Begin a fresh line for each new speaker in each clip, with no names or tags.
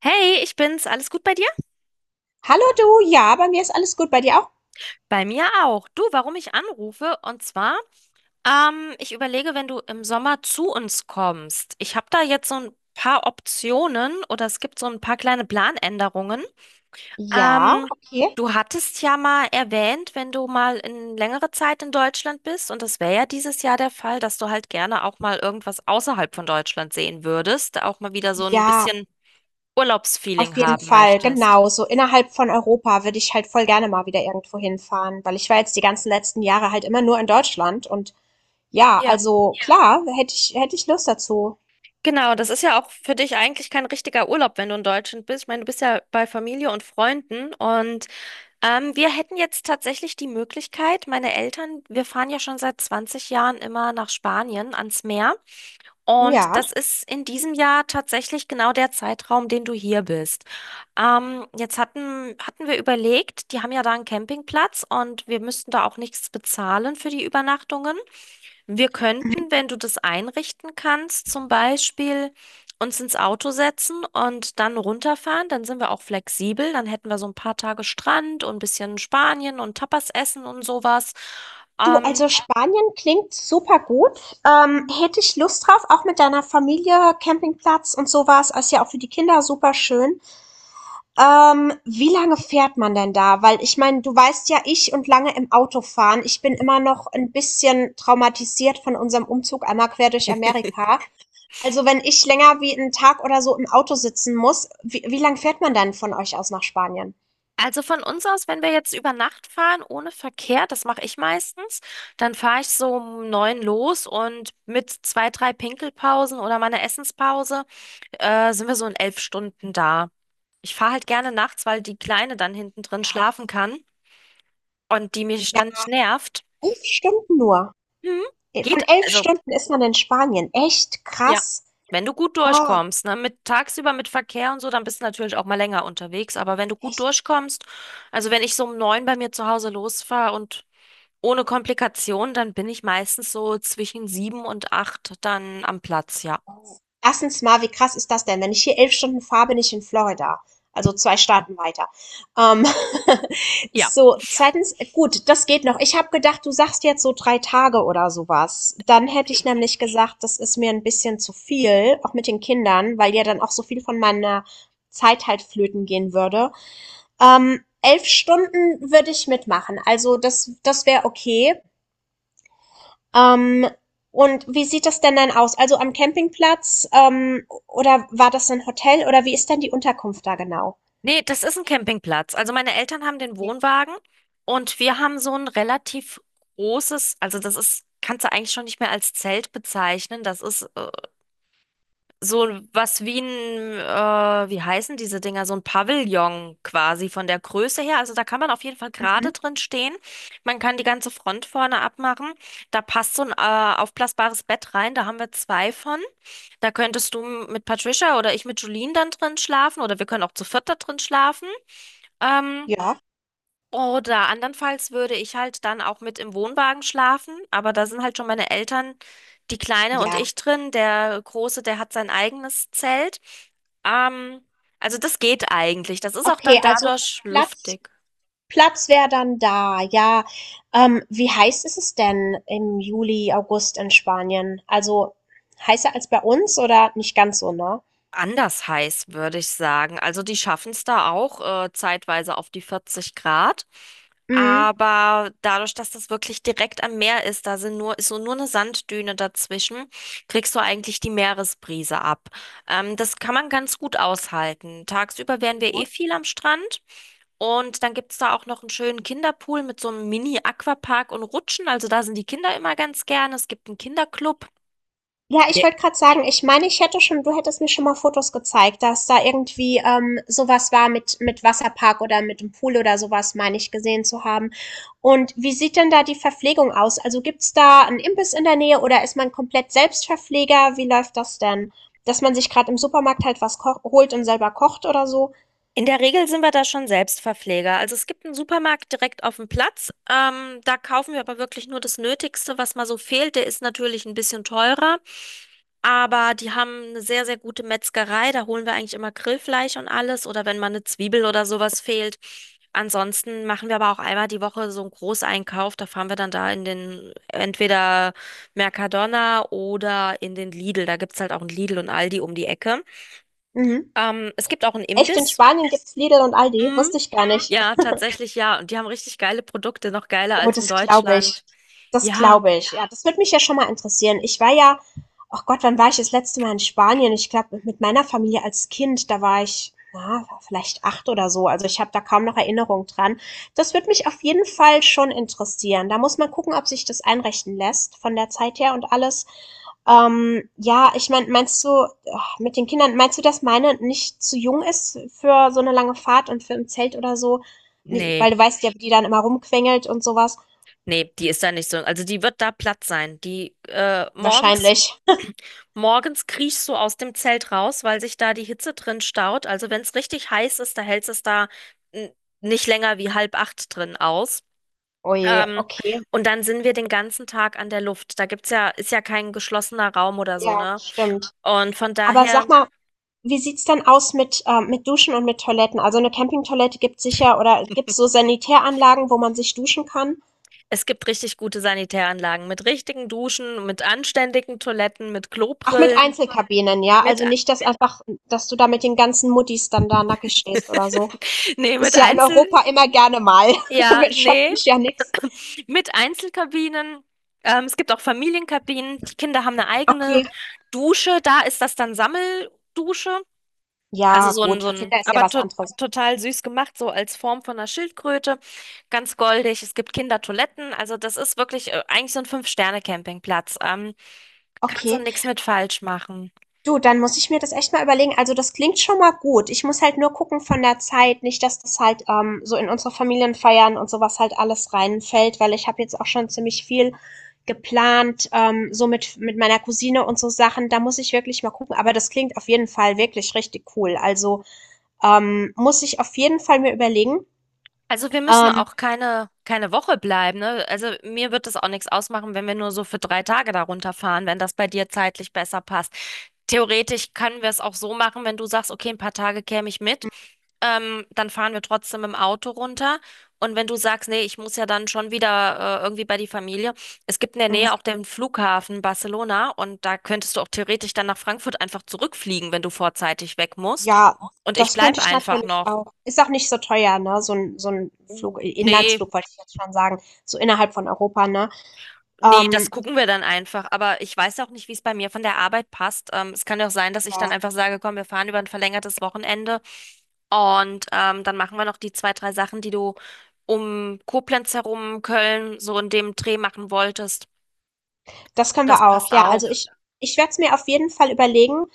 Hey, ich bin's. Alles gut bei dir?
Hallo du, ja, bei mir ist alles gut. Bei dir auch?
Bei mir auch. Du, warum ich anrufe? Und zwar, ich überlege, wenn du im Sommer zu uns kommst. Ich habe da jetzt so ein paar Optionen oder es gibt so ein paar kleine Planänderungen.
Ja,
Ähm,
okay.
du hattest ja mal erwähnt, wenn du mal in längere Zeit in Deutschland bist, und das wäre ja dieses Jahr der Fall, dass du halt gerne auch mal irgendwas außerhalb von Deutschland sehen würdest, auch mal wieder so ein
Ja,
bisschen
auf
Urlaubsfeeling
jeden
haben
Fall,
möchtest.
genau. So innerhalb von Europa würde ich halt voll gerne mal wieder irgendwo hinfahren, weil ich war jetzt die ganzen letzten Jahre halt immer nur in Deutschland und ja,
Ja.
also ja, klar, hätte ich Lust dazu.
Genau, das ist ja auch für dich eigentlich kein richtiger Urlaub, wenn du in Deutschland bist. Ich meine, du bist ja bei Familie und Freunden und wir hätten jetzt tatsächlich die Möglichkeit, meine Eltern, wir fahren ja schon seit 20 Jahren immer nach Spanien ans Meer und
Ja.
das ist in diesem Jahr tatsächlich genau der Zeitraum, den du hier bist. Jetzt hatten wir überlegt, die haben ja da einen Campingplatz und wir müssten da auch nichts bezahlen für die Übernachtungen. Wir könnten, wenn du das einrichten kannst, zum Beispiel uns ins Auto setzen und dann runterfahren. Dann sind wir auch flexibel. Dann hätten wir so ein paar Tage Strand und ein bisschen Spanien und Tapas essen und sowas.
Du,
Ähm,
also Spanien klingt super gut. Hätte ich Lust drauf, auch mit deiner Familie, Campingplatz und sowas, ist ja auch für die Kinder super schön. Wie lange fährt man denn da? Weil ich meine, du weißt ja, ich und lange im Auto fahren, ich bin immer noch ein bisschen traumatisiert von unserem Umzug einmal quer durch Amerika. Also wenn ich länger wie 'n Tag oder so im Auto sitzen muss, wie lang fährt man dann von euch aus nach Spanien?
also von uns aus, wenn wir jetzt über Nacht fahren, ohne Verkehr, das mache ich meistens, dann fahre ich so um neun los und mit zwei, drei Pinkelpausen oder meiner Essenspause, sind wir so in 11 Stunden da. Ich fahre halt gerne nachts, weil die Kleine dann hinten drin
Ja.
schlafen kann. Und die mich
Ja,
ständig nervt.
11 Stunden nur.
Hm, geht,
Von 11
also
Stunden ist man in Spanien. Echt
ja,
krass.
wenn du gut
Oh,
durchkommst, ne, mit tagsüber mit Verkehr und so, dann bist du natürlich auch mal länger unterwegs, aber wenn du gut
echt.
durchkommst, also wenn ich so um neun bei mir zu Hause losfahre und ohne Komplikation, dann bin ich meistens so zwischen sieben und acht dann am Platz, ja.
Erstens mal, wie krass ist das denn? Wenn ich hier 11 Stunden fahre, bin ich in Florida, also 2 Staaten weiter. Ähm,
Ja.
so, ja, zweitens, gut, das geht noch. Ich habe gedacht, du sagst jetzt so drei Tage oder sowas. Dann hätte ich nämlich gesagt, das ist mir ein bisschen zu viel, auch mit den Kindern, weil ja dann auch so viel von meiner Zeit halt flöten gehen würde. 11 Stunden würde ich mitmachen. Also das wäre okay. Ähm, und wie sieht das denn dann aus? Also am Campingplatz, oder war das ein Hotel oder wie ist denn die Unterkunft da genau?
Nee, das ist ein Campingplatz. Also meine Eltern haben den
Okay.
Wohnwagen und wir haben so ein relativ großes, also das ist, kannst du eigentlich schon nicht mehr als Zelt bezeichnen. Das ist so was wie ein, wie heißen diese Dinger, so ein Pavillon quasi von der Größe her. Also da kann man auf jeden Fall gerade
Mhm.
drin stehen. Man kann die ganze Front vorne abmachen. Da passt so ein aufblasbares Bett rein. Da haben wir zwei von. Da könntest du mit Patricia oder ich mit Julien dann drin schlafen oder wir können auch zu viert da drin schlafen. Ähm,
Ja,
oder andernfalls würde ich halt dann auch mit im Wohnwagen schlafen, aber da sind halt schon meine Eltern, die Kleine und
ja.
ich drin. Der Große, der hat sein eigenes Zelt. Ähm, also das geht eigentlich. Das ist auch dann
Okay, also
dadurch
Platz
luftig.
Platz wäre dann da, ja. Wie heiß ist es denn im Juli, August in Spanien? Also heißer als bei uns oder nicht ganz so, ne?
Anders heiß, würde ich sagen. Also die schaffen es da auch zeitweise auf die 40 Grad.
Mhm.
Aber dadurch, dass das wirklich direkt am Meer ist, da sind nur, ist so nur eine Sanddüne dazwischen, kriegst du eigentlich die Meeresbrise ab. Das kann man ganz gut aushalten. Tagsüber wären wir
Ja.
eh viel am Strand. Und dann gibt es da auch noch einen schönen Kinderpool mit so einem Mini-Aquapark und Rutschen. Also da sind die Kinder immer ganz gerne. Es gibt einen Kinderclub.
Ja, ich wollte gerade sagen, ich meine, ich hätte schon, du hättest mir schon mal Fotos gezeigt, dass da irgendwie, so war, mit Wasserpark oder mit dem Pool oder sowas, meine ich gesehen zu haben. Und wie sieht denn da die Verpflegung aus? Also gibt's da 'n Imbiss in der Nähe oder ist man komplett Selbstverpfleger? Wie läuft das denn? Dass man sich gerade im Supermarkt halt was koch holt und selber kocht oder so?
In der Regel sind wir da schon Selbstverpfleger. Also es gibt einen Supermarkt direkt auf dem Platz. Da kaufen wir aber wirklich nur das Nötigste, was mal so fehlt. Der ist natürlich ein bisschen teurer, aber die haben eine sehr, sehr gute Metzgerei. Da holen wir eigentlich immer Grillfleisch und alles oder wenn mal eine Zwiebel oder sowas fehlt. Ansonsten machen wir aber auch einmal die Woche so einen Großeinkauf. Da fahren wir dann da in den entweder Mercadona oder in den Lidl. Da gibt's halt auch einen Lidl und Aldi um die Ecke.
Mhm.
Es gibt auch einen
Echt, in
Imbiss.
Spanien gibt's Lidl und Aldi?
Mm.
Wusste ich gar nicht.
Ja, tatsächlich ja. Und die haben richtig geile Produkte, noch geiler
Oh,
als in
das glaube ich.
Deutschland.
Das
Ja,
glaube ich. Ja, das würde mich ja schon mal interessieren. Ich war ja, ach Gott, wann war ich das letzte Mal in Spanien? Ich glaube, mit meiner Familie als Kind, da war ich, na, vielleicht acht oder so. Also ich habe da kaum noch Erinnerung dran. Das würde mich auf jeden Fall schon interessieren. Da muss man gucken, ob sich das einrichten lässt von der Zeit her und alles. Ja, ich meine, meinst du, ach, mit den Kindern, meinst du, dass meine nicht zu jung ist für so eine lange Fahrt und für im Zelt oder so? Nee,
nee,
weil du weißt ja, wie die dann immer rumquengelt und sowas.
nee, die ist da nicht so. Also die wird da platt sein. Die äh, morgens,
Wahrscheinlich.
morgens kriechst du aus dem Zelt raus, weil sich da die Hitze drin staut. Also wenn es richtig heiß ist, da hält es da n- nicht länger wie halb acht drin aus.
Oh je,
Ähm,
okay.
und dann sind wir den ganzen Tag an der Luft. Da gibt's ja, ist ja kein geschlossener Raum oder so,
Ja,
ne?
stimmt.
Und von
Aber sag
daher.
mal, wie sieht's dann aus mit Duschen und mit Toiletten? Also eine Campingtoilette gibt's sicher oder gibt's so Sanitäranlagen, wo man sich duschen kann?
Es gibt richtig gute Sanitäranlagen mit richtigen Duschen, mit anständigen Toiletten, mit
Auch mit
Klobrillen,
Einzelkabinen, ja?
mit
Also
a-
nicht, dass einfach, dass du da mit den ganzen Muttis dann da nackig stehst oder so.
nee, mit
Ist ja in
Einzel
Europa immer gerne mal.
ja,
Schockt
nee,
mich ja nix.
mit Einzelkabinen. Es gibt auch Familienkabinen. Die Kinder haben eine eigene
Okay.
Dusche. Da ist das dann Sammeldusche. Also
Ja,
so ein,
gut.
so
Für
ein,
Kinder ist ja
aber
was
to
anderes.
total süß gemacht, so als Form von einer Schildkröte. Ganz goldig. Es gibt Kindertoiletten. Also das ist wirklich eigentlich so ein Fünf-Sterne-Campingplatz. Kannst du
Okay.
nichts mit falsch machen.
Du, dann muss ich mir das echt mal überlegen. Also das klingt schon mal gut. Ich muss halt nur gucken von der Zeit, nicht, dass das halt so in unsere Familienfeiern und sowas halt alles reinfällt, weil ich habe jetzt auch schon ziemlich viel geplant, so mit meiner Cousine und so Sachen. Da muss ich wirklich mal gucken. Aber das klingt auf jeden Fall wirklich richtig cool. Also muss ich auf jeden Fall mir überlegen.
Also wir müssen
Ähm,
auch keine Woche bleiben, ne? Also mir wird das auch nichts ausmachen, wenn wir nur so für 3 Tage darunter fahren wenn das bei dir zeitlich besser passt. Theoretisch können wir es auch so machen, wenn du sagst, okay, ein paar Tage käme ich mit, dann fahren wir trotzdem im Auto runter. Und wenn du sagst, nee, ich muss ja dann schon wieder irgendwie bei die Familie, es gibt in der Nähe
mhm.
auch den Flughafen Barcelona und da könntest du auch theoretisch dann nach Frankfurt einfach zurückfliegen, wenn du vorzeitig weg musst.
Ja,
Und ich
das
bleib
könnte ich
einfach
natürlich
noch.
auch. Ist auch nicht so teuer, ne? So ein Flug,
Nee,
Inlandsflug wollte ich jetzt schon sagen, so innerhalb von Europa, ne?
nee, das
Ähm,
gucken wir dann einfach. Aber ich weiß auch nicht, wie es bei mir von der Arbeit passt. Es kann ja auch sein, dass ich
ja,
dann einfach sage, komm, wir fahren über ein verlängertes Wochenende und dann machen wir noch die zwei, drei Sachen, die du um Koblenz herum, Köln, so in dem Dreh machen wolltest.
das können
Das
wir auch.
passt
Ja, also
auch.
ich werde es mir auf jeden Fall überlegen.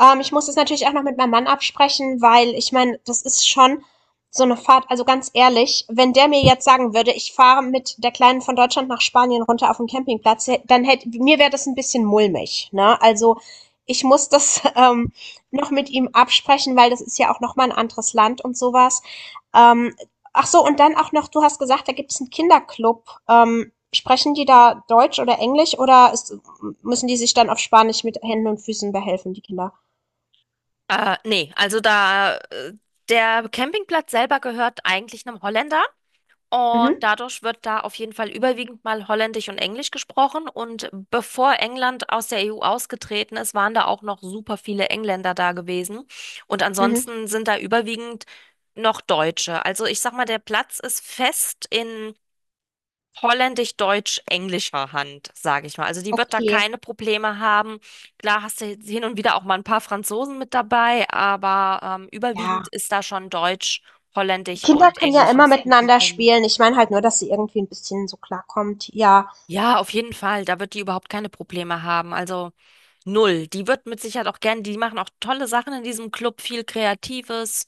Ich muss es natürlich auch noch mit meinem Mann absprechen, weil ich meine, das ist schon so eine Fahrt. Also ganz ehrlich, wenn der mir jetzt sagen würde, ich fahre mit der Kleinen von Deutschland nach Spanien runter auf den Campingplatz, dann hätte mir, wäre das ein bisschen mulmig, ne? Also ich muss das noch mit ihm absprechen, weil das ist ja auch noch mal ein anderes Land und sowas. Ähm, Ach so, und dann auch noch, du hast gesagt, da gibt es einen Kinderclub. Sprechen die da Deutsch oder Englisch oder ist müssen die sich dann auf Spanisch mit Händen und Füßen behelfen, die Kinder?
Nee, also da, der Campingplatz selber gehört eigentlich einem Holländer. Und
Mhm,
dadurch wird da auf jeden Fall überwiegend mal Holländisch und Englisch gesprochen. Und bevor England aus der EU ausgetreten ist, waren da auch noch super viele Engländer da gewesen. Und
mhm,
ansonsten sind da überwiegend noch Deutsche. Also ich sag mal, der Platz ist fest in holländisch-deutsch-englischer Hand, sage ich mal. Also die wird da
okay.
keine Probleme haben. Klar hast du jetzt hin und wieder auch mal ein paar Franzosen mit dabei, aber überwiegend
Ja,
ist da schon Deutsch, Holländisch
Kinder
und
können ja immer
englisches
miteinander
Publikum.
spielen. Ich meine halt nur, dass sie irgendwie ein bisschen so klarkommt. Ja,
Ja, auf jeden Fall. Da wird die überhaupt keine Probleme haben. Also null. Die wird mit Sicherheit auch gern, die machen auch tolle Sachen in diesem Club, viel Kreatives,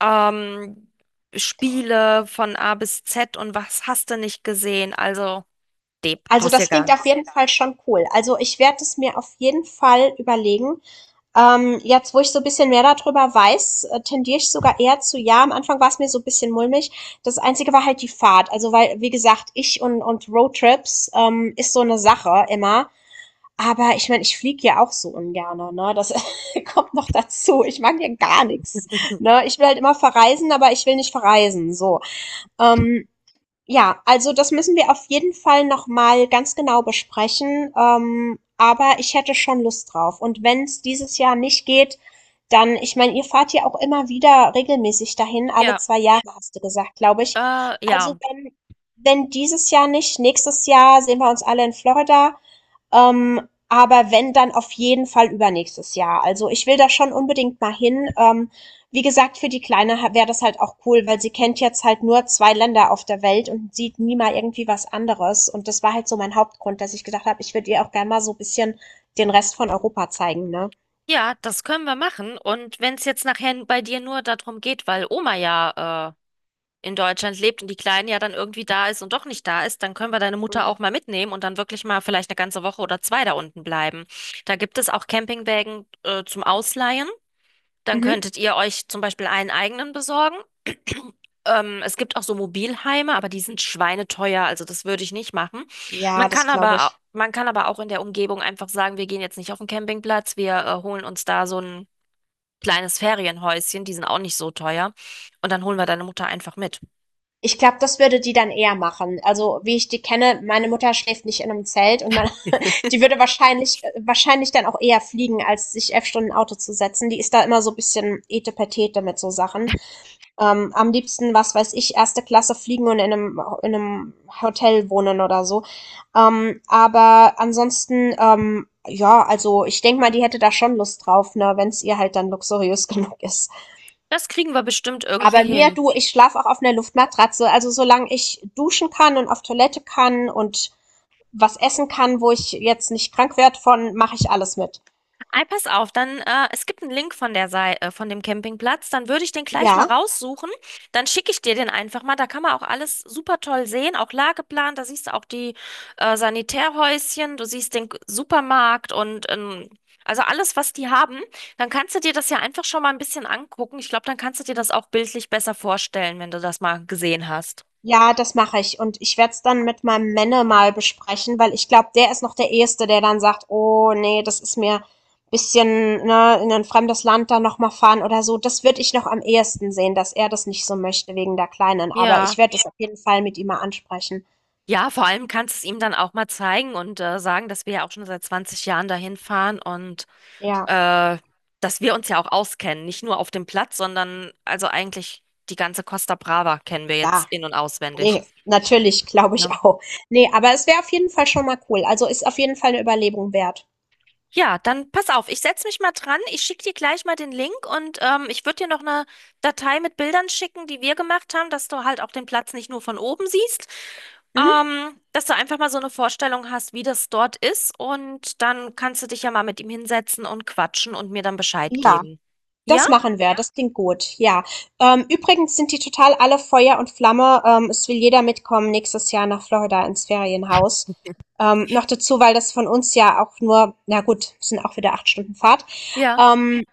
ähm, Spiele von A bis Z und was hast du nicht gesehen? Also, Deb,
also
brauchst dir
das klingt
gar.
auf jeden Fall schon cool. Also ich werde es mir auf jeden Fall überlegen. Jetzt, wo ich so ein bisschen mehr darüber weiß, tendiere ich sogar eher zu ja. Am Anfang war es mir so ein bisschen mulmig. Das Einzige war halt die Fahrt. Also weil, wie gesagt, ich und Roadtrips ist so eine Sache immer. Aber ich meine, ich fliege ja auch so ungerne, ne? Das kommt noch dazu. Ich mag ja gar nichts, ne? Ich will halt immer verreisen, aber ich will nicht verreisen, so. Ähm, ja, also das müssen wir auf jeden Fall noch mal ganz genau besprechen. Aber ich hätte schon Lust drauf. Und wenn es dieses Jahr nicht geht, dann, ich meine, ihr fahrt ja auch immer wieder regelmäßig dahin, alle
Ja,
zwei Jahre, hast du gesagt, glaube ich. Also
ja.
wenn dieses Jahr nicht, nächstes Jahr sehen wir uns alle in Florida. Aber wenn, dann auf jeden Fall übernächstes Jahr. Also ich will da schon unbedingt mal hin. Wie gesagt, für die Kleine wäre das halt auch cool, weil sie kennt jetzt halt nur zwei Länder auf der Welt und sieht nie mal irgendwie was anderes. Und das war halt so mein Hauptgrund, dass ich gedacht habe, ich würde ihr auch gerne mal so ein bisschen den Rest von Europa zeigen, ne?
Ja, das können wir machen. Und wenn es jetzt nachher bei dir nur darum geht, weil Oma ja in Deutschland lebt und die Kleine ja dann irgendwie da ist und doch nicht da ist, dann können wir deine Mutter
Mhm.
auch mal mitnehmen und dann wirklich mal vielleicht eine ganze Woche oder zwei da unten bleiben. Da gibt es auch Campingwägen, zum Ausleihen. Dann
Mhm.
könntet ihr euch zum Beispiel einen eigenen besorgen. Es gibt auch so Mobilheime, aber die sind schweineteuer, also das würde ich nicht machen.
Ja, das glaube ich.
Man kann aber auch in der Umgebung einfach sagen, wir gehen jetzt nicht auf den Campingplatz, wir holen uns da so ein kleines Ferienhäuschen, die sind auch nicht so teuer. Und dann holen wir deine Mutter einfach mit.
Ich glaube, das würde die dann eher machen. Also wie ich die kenne, meine Mutter schläft nicht in einem Zelt und meine, die würde wahrscheinlich, wahrscheinlich dann auch eher fliegen, als sich elf Stunden Auto zu setzen. Die ist da immer so ein bisschen etepetete mit so Sachen. Am liebsten, was weiß ich, erste Klasse fliegen und in einem Hotel wohnen oder so. Aber ansonsten, ja, also ich denke mal, die hätte da schon Lust drauf, ne, wenn es ihr halt dann luxuriös genug ist.
Das kriegen wir bestimmt irgendwie
Aber mir,
hin.
du, ich schlafe auch auf einer Luftmatratze. Also solange ich duschen kann und auf Toilette kann und was essen kann, wo ich jetzt nicht krank werde von, mache ich alles mit.
Ei, pass auf, dann, es gibt einen Link von der Sei von dem Campingplatz, dann würde ich den gleich mal
Ja,
raussuchen, dann schicke ich dir den einfach mal, da kann man auch alles super toll sehen, auch Lageplan, da siehst du auch die Sanitärhäuschen, du siehst den Supermarkt und also alles, was die haben, dann kannst du dir das ja einfach schon mal ein bisschen angucken. Ich glaube, dann kannst du dir das auch bildlich besser vorstellen, wenn du das mal gesehen hast.
ja, das mache ich. Und ich werde es dann mit meinem Männer mal besprechen, weil ich glaube, der ist noch der Erste, der dann sagt, oh nee, das ist mir ein bisschen, ne, in ein fremdes Land dann nochmal fahren oder so. Das würde ich noch am ehesten sehen, dass er das nicht so möchte wegen der Kleinen. Aber ich
Ja.
werde das auf jeden Fall mit ihm mal ansprechen.
Ja, vor allem kannst du es ihm dann auch mal zeigen und sagen, dass wir ja auch schon seit 20 Jahren dahin fahren und
Ja,
äh, dass wir uns ja auch auskennen. Nicht nur auf dem Platz, sondern also eigentlich die ganze Costa Brava kennen wir jetzt
ja.
in- und auswendig.
Nee, natürlich, glaube ich
Ne?
auch. Nee, aber es wäre auf jeden Fall schon mal cool. Also ist auf jeden Fall eine Überlegung wert.
Ja, dann pass auf, ich setze mich mal dran. Ich schicke dir gleich mal den Link und ich würde dir noch eine Datei mit Bildern schicken, die wir gemacht haben, dass du halt auch den Platz nicht nur von oben siehst,
Mhm.
dass du einfach mal so eine Vorstellung hast, wie das dort ist und dann kannst du dich ja mal mit ihm hinsetzen und quatschen und mir dann Bescheid
Ja.
geben. Ja?
Das machen wir, das klingt gut, ja. Übrigens sind die total alle Feuer und Flamme. Es will jeder mitkommen nächstes Jahr nach Florida ins Ferienhaus. Noch dazu, weil das von uns ja auch nur, na gut, sind auch wieder acht Stunden Fahrt.
Ja,
Ähm,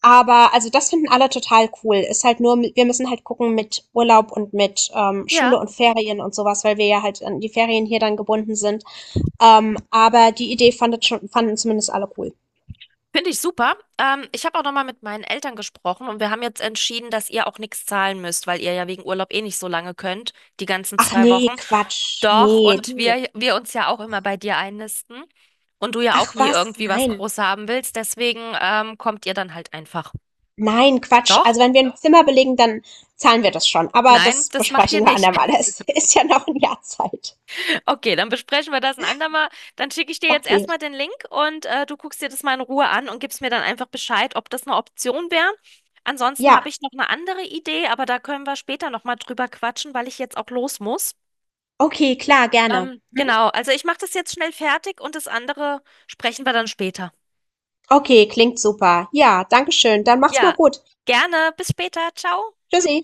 aber also das finden alle total cool. Ist halt nur, wir müssen halt gucken mit Urlaub und mit Schule
ja.
und Ferien und sowas, weil wir ja halt an die Ferien hier dann gebunden sind. Aber die Idee fanden zumindest alle cool.
Finde ich super. Ich habe auch nochmal mit meinen Eltern gesprochen und wir haben jetzt entschieden, dass ihr auch nichts zahlen müsst, weil ihr ja wegen Urlaub eh nicht so lange könnt, die ganzen
Ach
zwei
nee,
Wochen.
Quatsch.
Doch,
Nee,
und
du.
wir uns ja auch immer bei dir einnisten und du ja auch
Ach
nie
was,
irgendwie was
nein.
groß haben willst, deswegen kommt ihr dann halt einfach.
Nein, Quatsch.
Doch?
Also wenn wir ein Zimmer belegen, dann zahlen wir das schon. Aber
Nein,
das
das macht ihr
besprechen wir
nicht.
andermal. Es ist ja noch ein Jahr Zeit.
Okay, dann besprechen wir das ein andermal. Dann schicke ich dir jetzt
Okay.
erstmal den Link und du guckst dir das mal in Ruhe an und gibst mir dann einfach Bescheid, ob das eine Option wäre. Ansonsten habe
Ja,
ich noch eine andere Idee, aber da können wir später nochmal drüber quatschen, weil ich jetzt auch los muss.
okay, klar, gerne.
Ähm,
Mhm.
genau, also ich mache das jetzt schnell fertig und das andere sprechen wir dann später.
Okay, klingt super. Ja, danke schön. Dann mach's mal
Ja,
gut.
gerne. Bis später. Ciao.
Tschüssi.